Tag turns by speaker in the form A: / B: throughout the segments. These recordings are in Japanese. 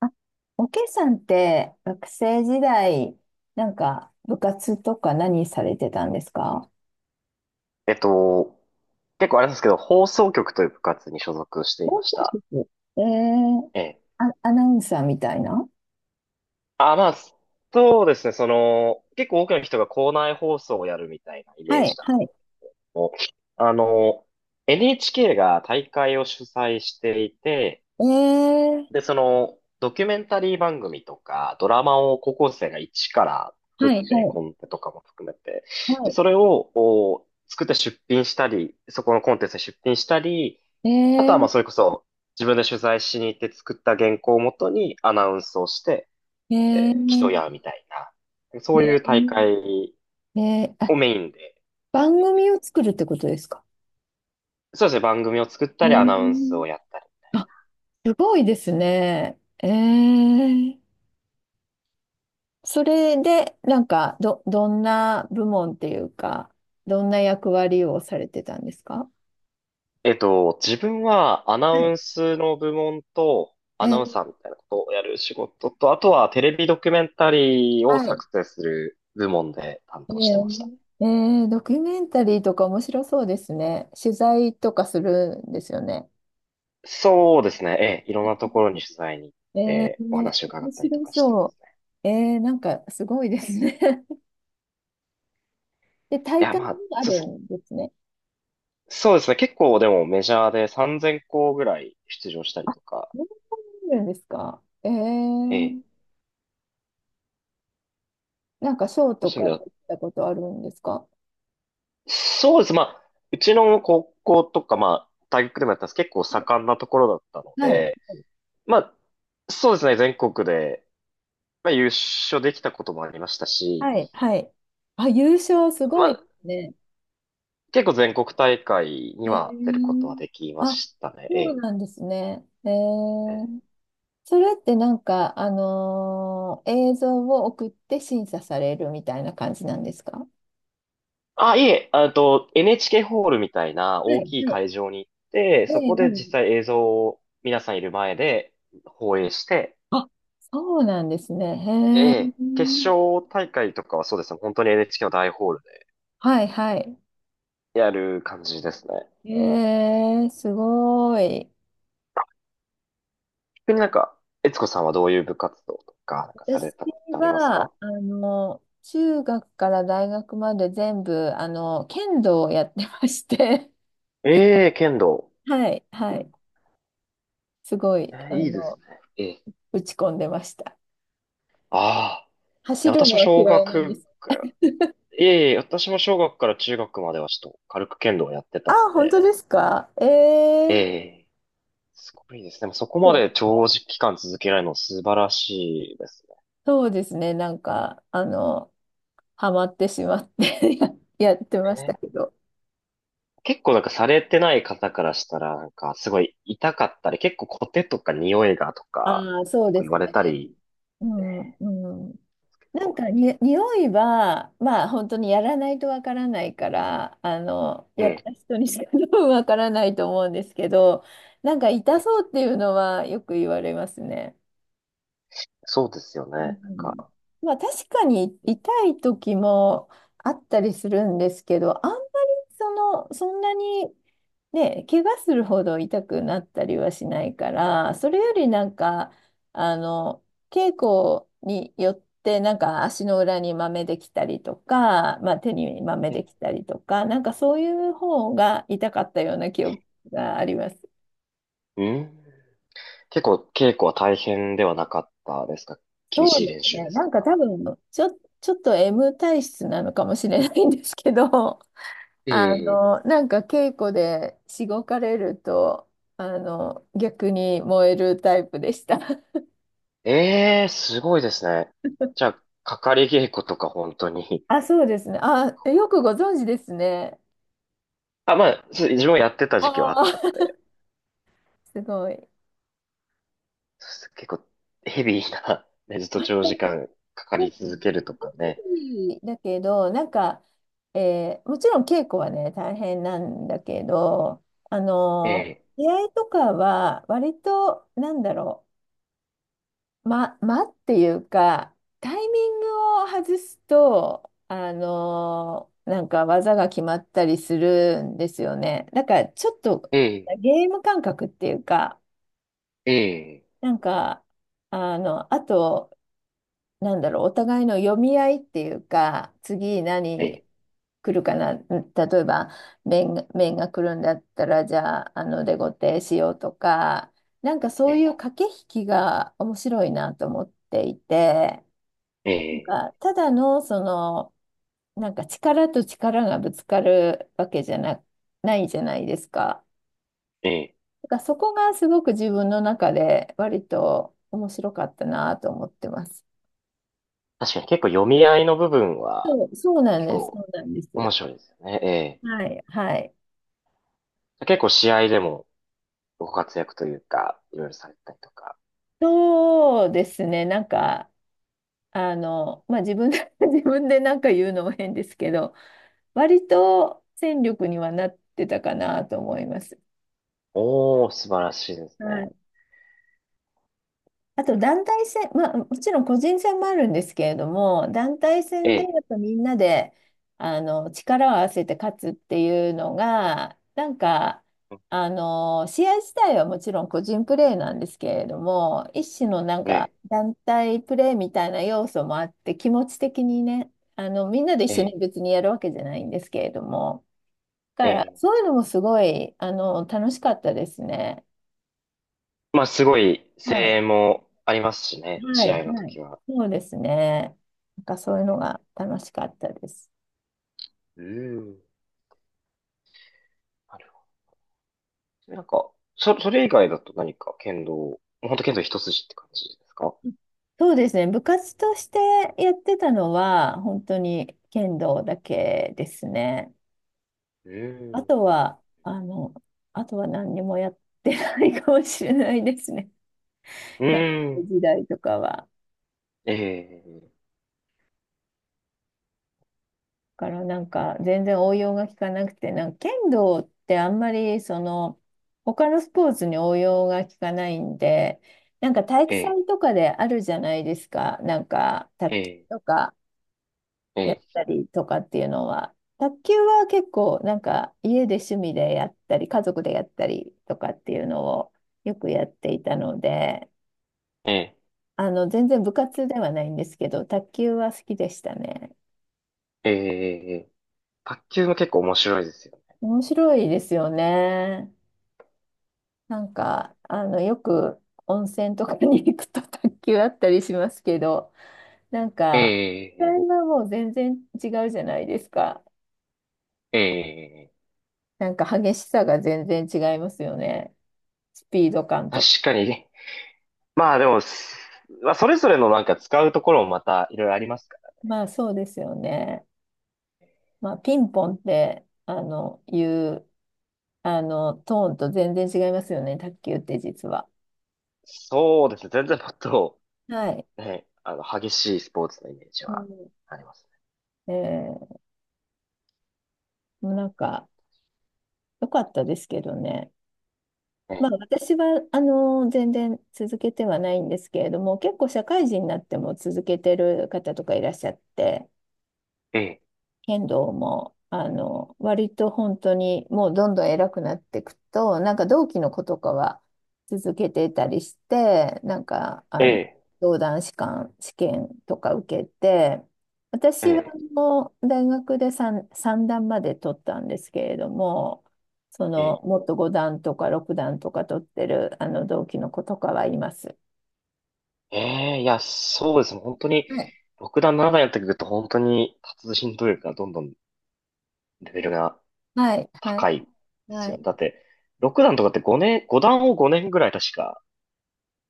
A: あ、おけさんって学生時代、なんか部活とか何されてたんですか？
B: えっと、結構あれなんですけど、放送局という部活に所属して
A: 放
B: いまし
A: 送
B: た。
A: 室。えー、
B: ええ。
A: あ、アナウンサーみたいな。
B: あ、まあ、そうですね、結構多くの人が校内放送をやるみたいなイメ
A: は
B: ージ
A: い、
B: だと
A: はい。
B: 思う。あの、NHK が大会を主催していて、
A: えー、
B: で、ドキュメンタリー番組とか、ドラマを高校生が一から作っ
A: はい、は
B: て、コ
A: い、
B: ンテとかも含めて、で
A: は
B: それを、お作って出品したり、そこのコンテンツに出品したり、
A: い。
B: あ
A: え
B: とはま
A: ー、
B: あそれこそ自分で取材しに行って作った原稿をもとにアナウンスをして
A: え
B: 競い
A: ー、
B: 合うみたいな、そうい
A: え
B: う大会
A: ー、えー、あ、
B: をメインで、
A: 番組を作るってことですか？
B: そうですね、番組を作っ
A: え
B: たりアナウンス
A: ー、
B: をやったり。
A: あ、すごいですね。えー、それで、なんか、どんな部門っていうか、どんな役割をされてたんですか？
B: 自分はアナ
A: はい。
B: ウンスの部門と
A: え
B: アナウン
A: ー、
B: サーみたいなことをやる仕事と、あとはテレビドキュメンタリーを
A: はい。
B: 作成する部門で担
A: え
B: 当してました。
A: ー、えードキュメンタリーとか面白そうですね。取材とかするんですよね。
B: そうですね、ええ、いろんなところに取材に行っ
A: えー、
B: てお
A: 面
B: 話を伺ったりと
A: 白
B: かしてで
A: そ
B: すね。
A: う。えー、なんかすごいですね。で、
B: い
A: 大
B: や、
A: 会も
B: まあ、
A: あ
B: そう
A: る
B: ですね。
A: んですね。
B: そうですね。結構でもメジャーで3000校ぐらい出場したり
A: あ、
B: とか、
A: そうなんですか。え
B: え
A: ー、
B: え。
A: なんか賞と
B: そういう
A: か
B: 意味では、
A: 取ったことあるんですか？
B: そうです。まあ、うちの高校とか、まあ、大学でもやったんですけど結構盛んなところだったの
A: はい。
B: で、まあ、そうですね。全国で、まあ、優勝できたこともありましたし、
A: はい、はい。あ、優勝すご
B: ま
A: いで
B: あ、
A: すね。
B: 結構全国大会に
A: え
B: は出ることは
A: ー、
B: できま
A: あ、
B: した
A: そう
B: ね。
A: なんですね。え
B: え
A: ー、
B: え。
A: それってなんか、映像を送って審査されるみたいな感じなんですか？は
B: あ、いえ、あと、NHK ホールみたいな
A: い、は
B: 大きい
A: い。
B: 会場に行って、
A: え
B: そ
A: え、
B: こ
A: う
B: で実
A: ん。
B: 際映像を皆さんいる前で放映して、
A: あ、そうなんですね。
B: え
A: へえ。
B: え、決勝大会とかはそうですね、本当に NHK の大ホール
A: はい、はい。
B: でやる感じですね。
A: えー、すごい。
B: 逆になんか、悦子さんはどういう部活動とか、なんかされ
A: 私
B: たことってあります
A: は、
B: か？
A: 中学から大学まで全部、剣道をやってまして、
B: ええ、剣道。
A: はい、はい。すごい、
B: ええ、いいですね。ええ。
A: 打ち込んでました。
B: ああ。い
A: 走
B: や、
A: る
B: 私
A: の
B: も
A: は
B: 小
A: 嫌いなんで
B: 学
A: す。
B: から、ええ、私も小学から中学まではちょっと軽く剣道をやって
A: あ、
B: たの
A: 本
B: で、
A: 当ですか？え
B: え
A: ー、
B: え。すごいですね。でもそこ
A: そう。
B: ま
A: なんか
B: で長時間続けられるの素晴らしいです
A: そうですね。なんか、ハマってしまって やってました
B: ね。
A: けど。
B: 結構なんかされてない方からしたら、なんかすごい痛かったり、結構コテとか匂いがとか、
A: ああ、そう
B: 結構
A: です
B: 言われた
A: ね。
B: り、
A: う
B: え
A: ん、うん。
B: ー
A: なん
B: と
A: かに、匂いは、まあ、本当にやらないとわからないから、やっ
B: ええ、
A: た人にしか 多分わからないと思うんですけど、なんか痛そうっていうのはよく言われますね。
B: そうですよね。
A: う
B: なん
A: ん。
B: か、
A: まあ確かに痛い時もあったりするんですけど、あんまりその、そんなにね、怪我するほど痛くなったりはしないから、それよりなんか、あの、稽古によってなんか足の裏に豆できたりとか、まあ手に豆
B: え
A: で
B: え、
A: きたりとか、なんかそういう方が痛かったような記憶があります。
B: うん。結構稽古は大変ではなかったですか？
A: そ
B: 厳
A: う
B: しい
A: で
B: 練
A: す
B: 習
A: ね。
B: です
A: な
B: と
A: んか多
B: か。
A: 分、ちょ、ちょっと M 体質なのかもしれないんですけど、
B: ええ、
A: なんか稽古でしごかれると、逆に燃えるタイプでした。
B: ええ、すごいですね。じゃあ、かかり稽古とか本当に。
A: あ、そうですね。あ、よくご存知ですね。
B: あ、まあ、そう自分もやってた
A: あ
B: 時期はあったの
A: あ、
B: で、
A: すごい。
B: 結構ヘビーな、ね、ずっ
A: な
B: と
A: ん
B: 長時
A: か
B: 間かか
A: そう
B: り
A: で
B: 続けると
A: す
B: かね。
A: ね。だけど、なんか、えーもちろん稽古はね、大変なんだけど、あ
B: え
A: の、
B: え、
A: 出会いとかは、割と、なんだろう。ま、間っていうか、タイミングを外すと、なんか技が決まったりするんですよね。だからちょっと
B: ええ、
A: ゲーム感覚っていうか、
B: ええ、
A: なんか、あと、なんだろう、お互いの読み合いっていうか、次
B: え
A: 何
B: え、
A: 来るかな、ん例えば、面が来るんだったら、じゃあ、デコテしようとか、なんかそ
B: え
A: うい
B: え、
A: う駆け引きが面白いなと思っていて、なん
B: え
A: か、ただの、その、なんか力と力がぶつかるわけじゃな、ないじゃないですか。
B: え、ええ、
A: だからそこがすごく自分の中で割と面白かったなと思ってます。
B: 確かに結構読み合いの部分は
A: そうなん
B: 結
A: です。そ
B: 構
A: うなんです。
B: 面白いですよね。え
A: はい、はい。
B: え。結構試合でもご活躍というか、いろいろされたりとか。
A: そうですね。なんか、まあ、自分で 自分でなんか言うのも変ですけど、割と戦力にはなってたかなと思います。
B: おー、素晴らしいです
A: は
B: ね。
A: い。あと団体戦、まあ、もちろん個人戦もあるんですけれども、団体
B: え
A: 戦でや
B: え、
A: っぱみんなであの力を合わせて勝つっていうのが、なんかあの試合自体はもちろん個人プレーなんですけれども、一種のなん
B: え
A: か
B: え、
A: 団体プレーみたいな要素もあって、気持ち的にね、あのみんなで一
B: え
A: 緒に
B: え、
A: 別にやるわけじゃないんですけれども、だ
B: え
A: から
B: え。
A: そういうのもすごいあの楽しかったですね。
B: まあ、すごい
A: は
B: 声
A: い。
B: 援もありますしね、
A: は
B: 試
A: い、
B: 合の
A: はい。
B: 時は。
A: そうですね。なんかそういうのが楽しかったです。
B: うん。なるほど。なんか、それ以外だと何か剣道、もう本当剣道一筋って感じですか？
A: そうですね。部活としてやってたのは、本当に剣道だけですね。
B: う
A: あ
B: ん。
A: とは、あとは何にもやってないかもしれないですね。
B: う
A: 学生
B: ん。
A: 時代とかは。
B: ええ、
A: からなんか全然応用が効かなくて、なんか剣道ってあんまりその他のスポーツに応用が効かないんで、なんか体育
B: ええ、
A: 祭とかであるじゃないですか、なんか卓
B: え
A: 球
B: え、
A: とか
B: え
A: やっ
B: え、
A: たりとかっていうのは。卓球は結構なんか家で趣味でやったり、家族でやったりとかっていうのをよくやっていたので、全然部活ではないんですけど、卓球は好きでしたね。
B: ええ、ええ、卓球も結構面白いですよね。
A: 面白いですよね。なんか、よく温泉とかに行くと卓球あったりしますけど、なん
B: え
A: か、実際
B: え、
A: はもう全然違うじゃないですか。
B: ええ、ええ、
A: なんか激しさが全然違いますよね。スピード感
B: 確
A: と。
B: かにね。まあでも、まあそれぞれのなんか使うところもまたいろいろあ
A: は
B: り
A: い。
B: ますから。
A: まあそうですよね。まあピンポンって、いう、トーンと全然違いますよね。卓球って実は。
B: そうですね。全然もっと
A: はい。
B: ね、激しいスポーツのイメージは
A: は
B: あります
A: い。えー、もうなんか、良かったですけどね。まあ、
B: ね。
A: 私はあの全然続けてはないんですけれども、結構社会人になっても続けてる方とかいらっしゃって、
B: ええ、
A: 剣道も、割と本当にもうどんどん偉くなっていくと、なんか同期の子とかは続けてたりして、なんか、
B: ええ、
A: 道団士官試験とか受けて、
B: え
A: 私は
B: え、
A: もう大学で3、三段まで取ったんですけれども、そ
B: え
A: の、
B: え、
A: もっと5段とか6段とか取ってる、同期の子とかはいます。
B: ええ、いや、そうですね。本当に、
A: はい、
B: 6段、7段やってくると、本当に、達人とい力がどんどんレベルが
A: はい、は
B: 高
A: い。
B: いです
A: は
B: よね。
A: い。
B: だって、6段とかって5年、5段を5年ぐらい確か、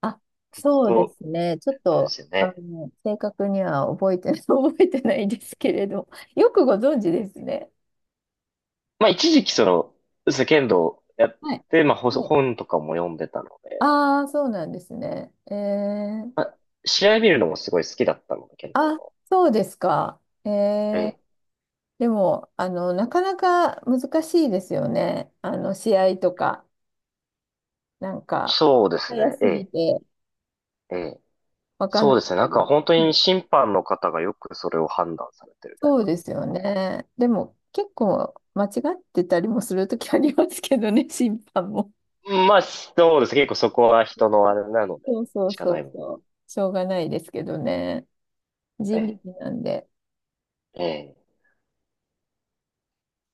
A: あ、そう
B: そ
A: で
B: う、
A: すね。ちょっ
B: あれで
A: と、
B: すよね。
A: 正確には覚えて、覚えてないですけれど、よくご存知ですね。
B: まあ、一時期そうですね剣道やっ
A: は
B: て
A: い。
B: て、まあ、ほ
A: はい。
B: 本とかも読んでたので、
A: ああ、そうなんですね。えー、
B: まあ、試合見るのもすごい好きだったので、剣
A: あ、
B: 道
A: そうですか。え
B: の。え
A: ー、
B: え、
A: でも、なかなか難しいですよね。試合とか、なんか、
B: そうです
A: 早
B: ね。え
A: すぎ
B: え、
A: て、
B: ええ。
A: わかん
B: そ
A: な
B: う
A: かっ
B: ですね。
A: た
B: なんか
A: り。
B: 本当
A: は
B: に
A: い。
B: 審判の方がよくそれを判断されてる なっ
A: そうで
B: てい
A: すよね。でも、結構間違ってたりもするときありますけどね、審判も。
B: う。まあ、そうです。結構そこは人のあれなので、
A: そうそう
B: 仕
A: そ
B: 方ない
A: う
B: もんね。
A: そう。しょうがないですけどね。
B: え
A: 人力なんで。
B: え、ええ。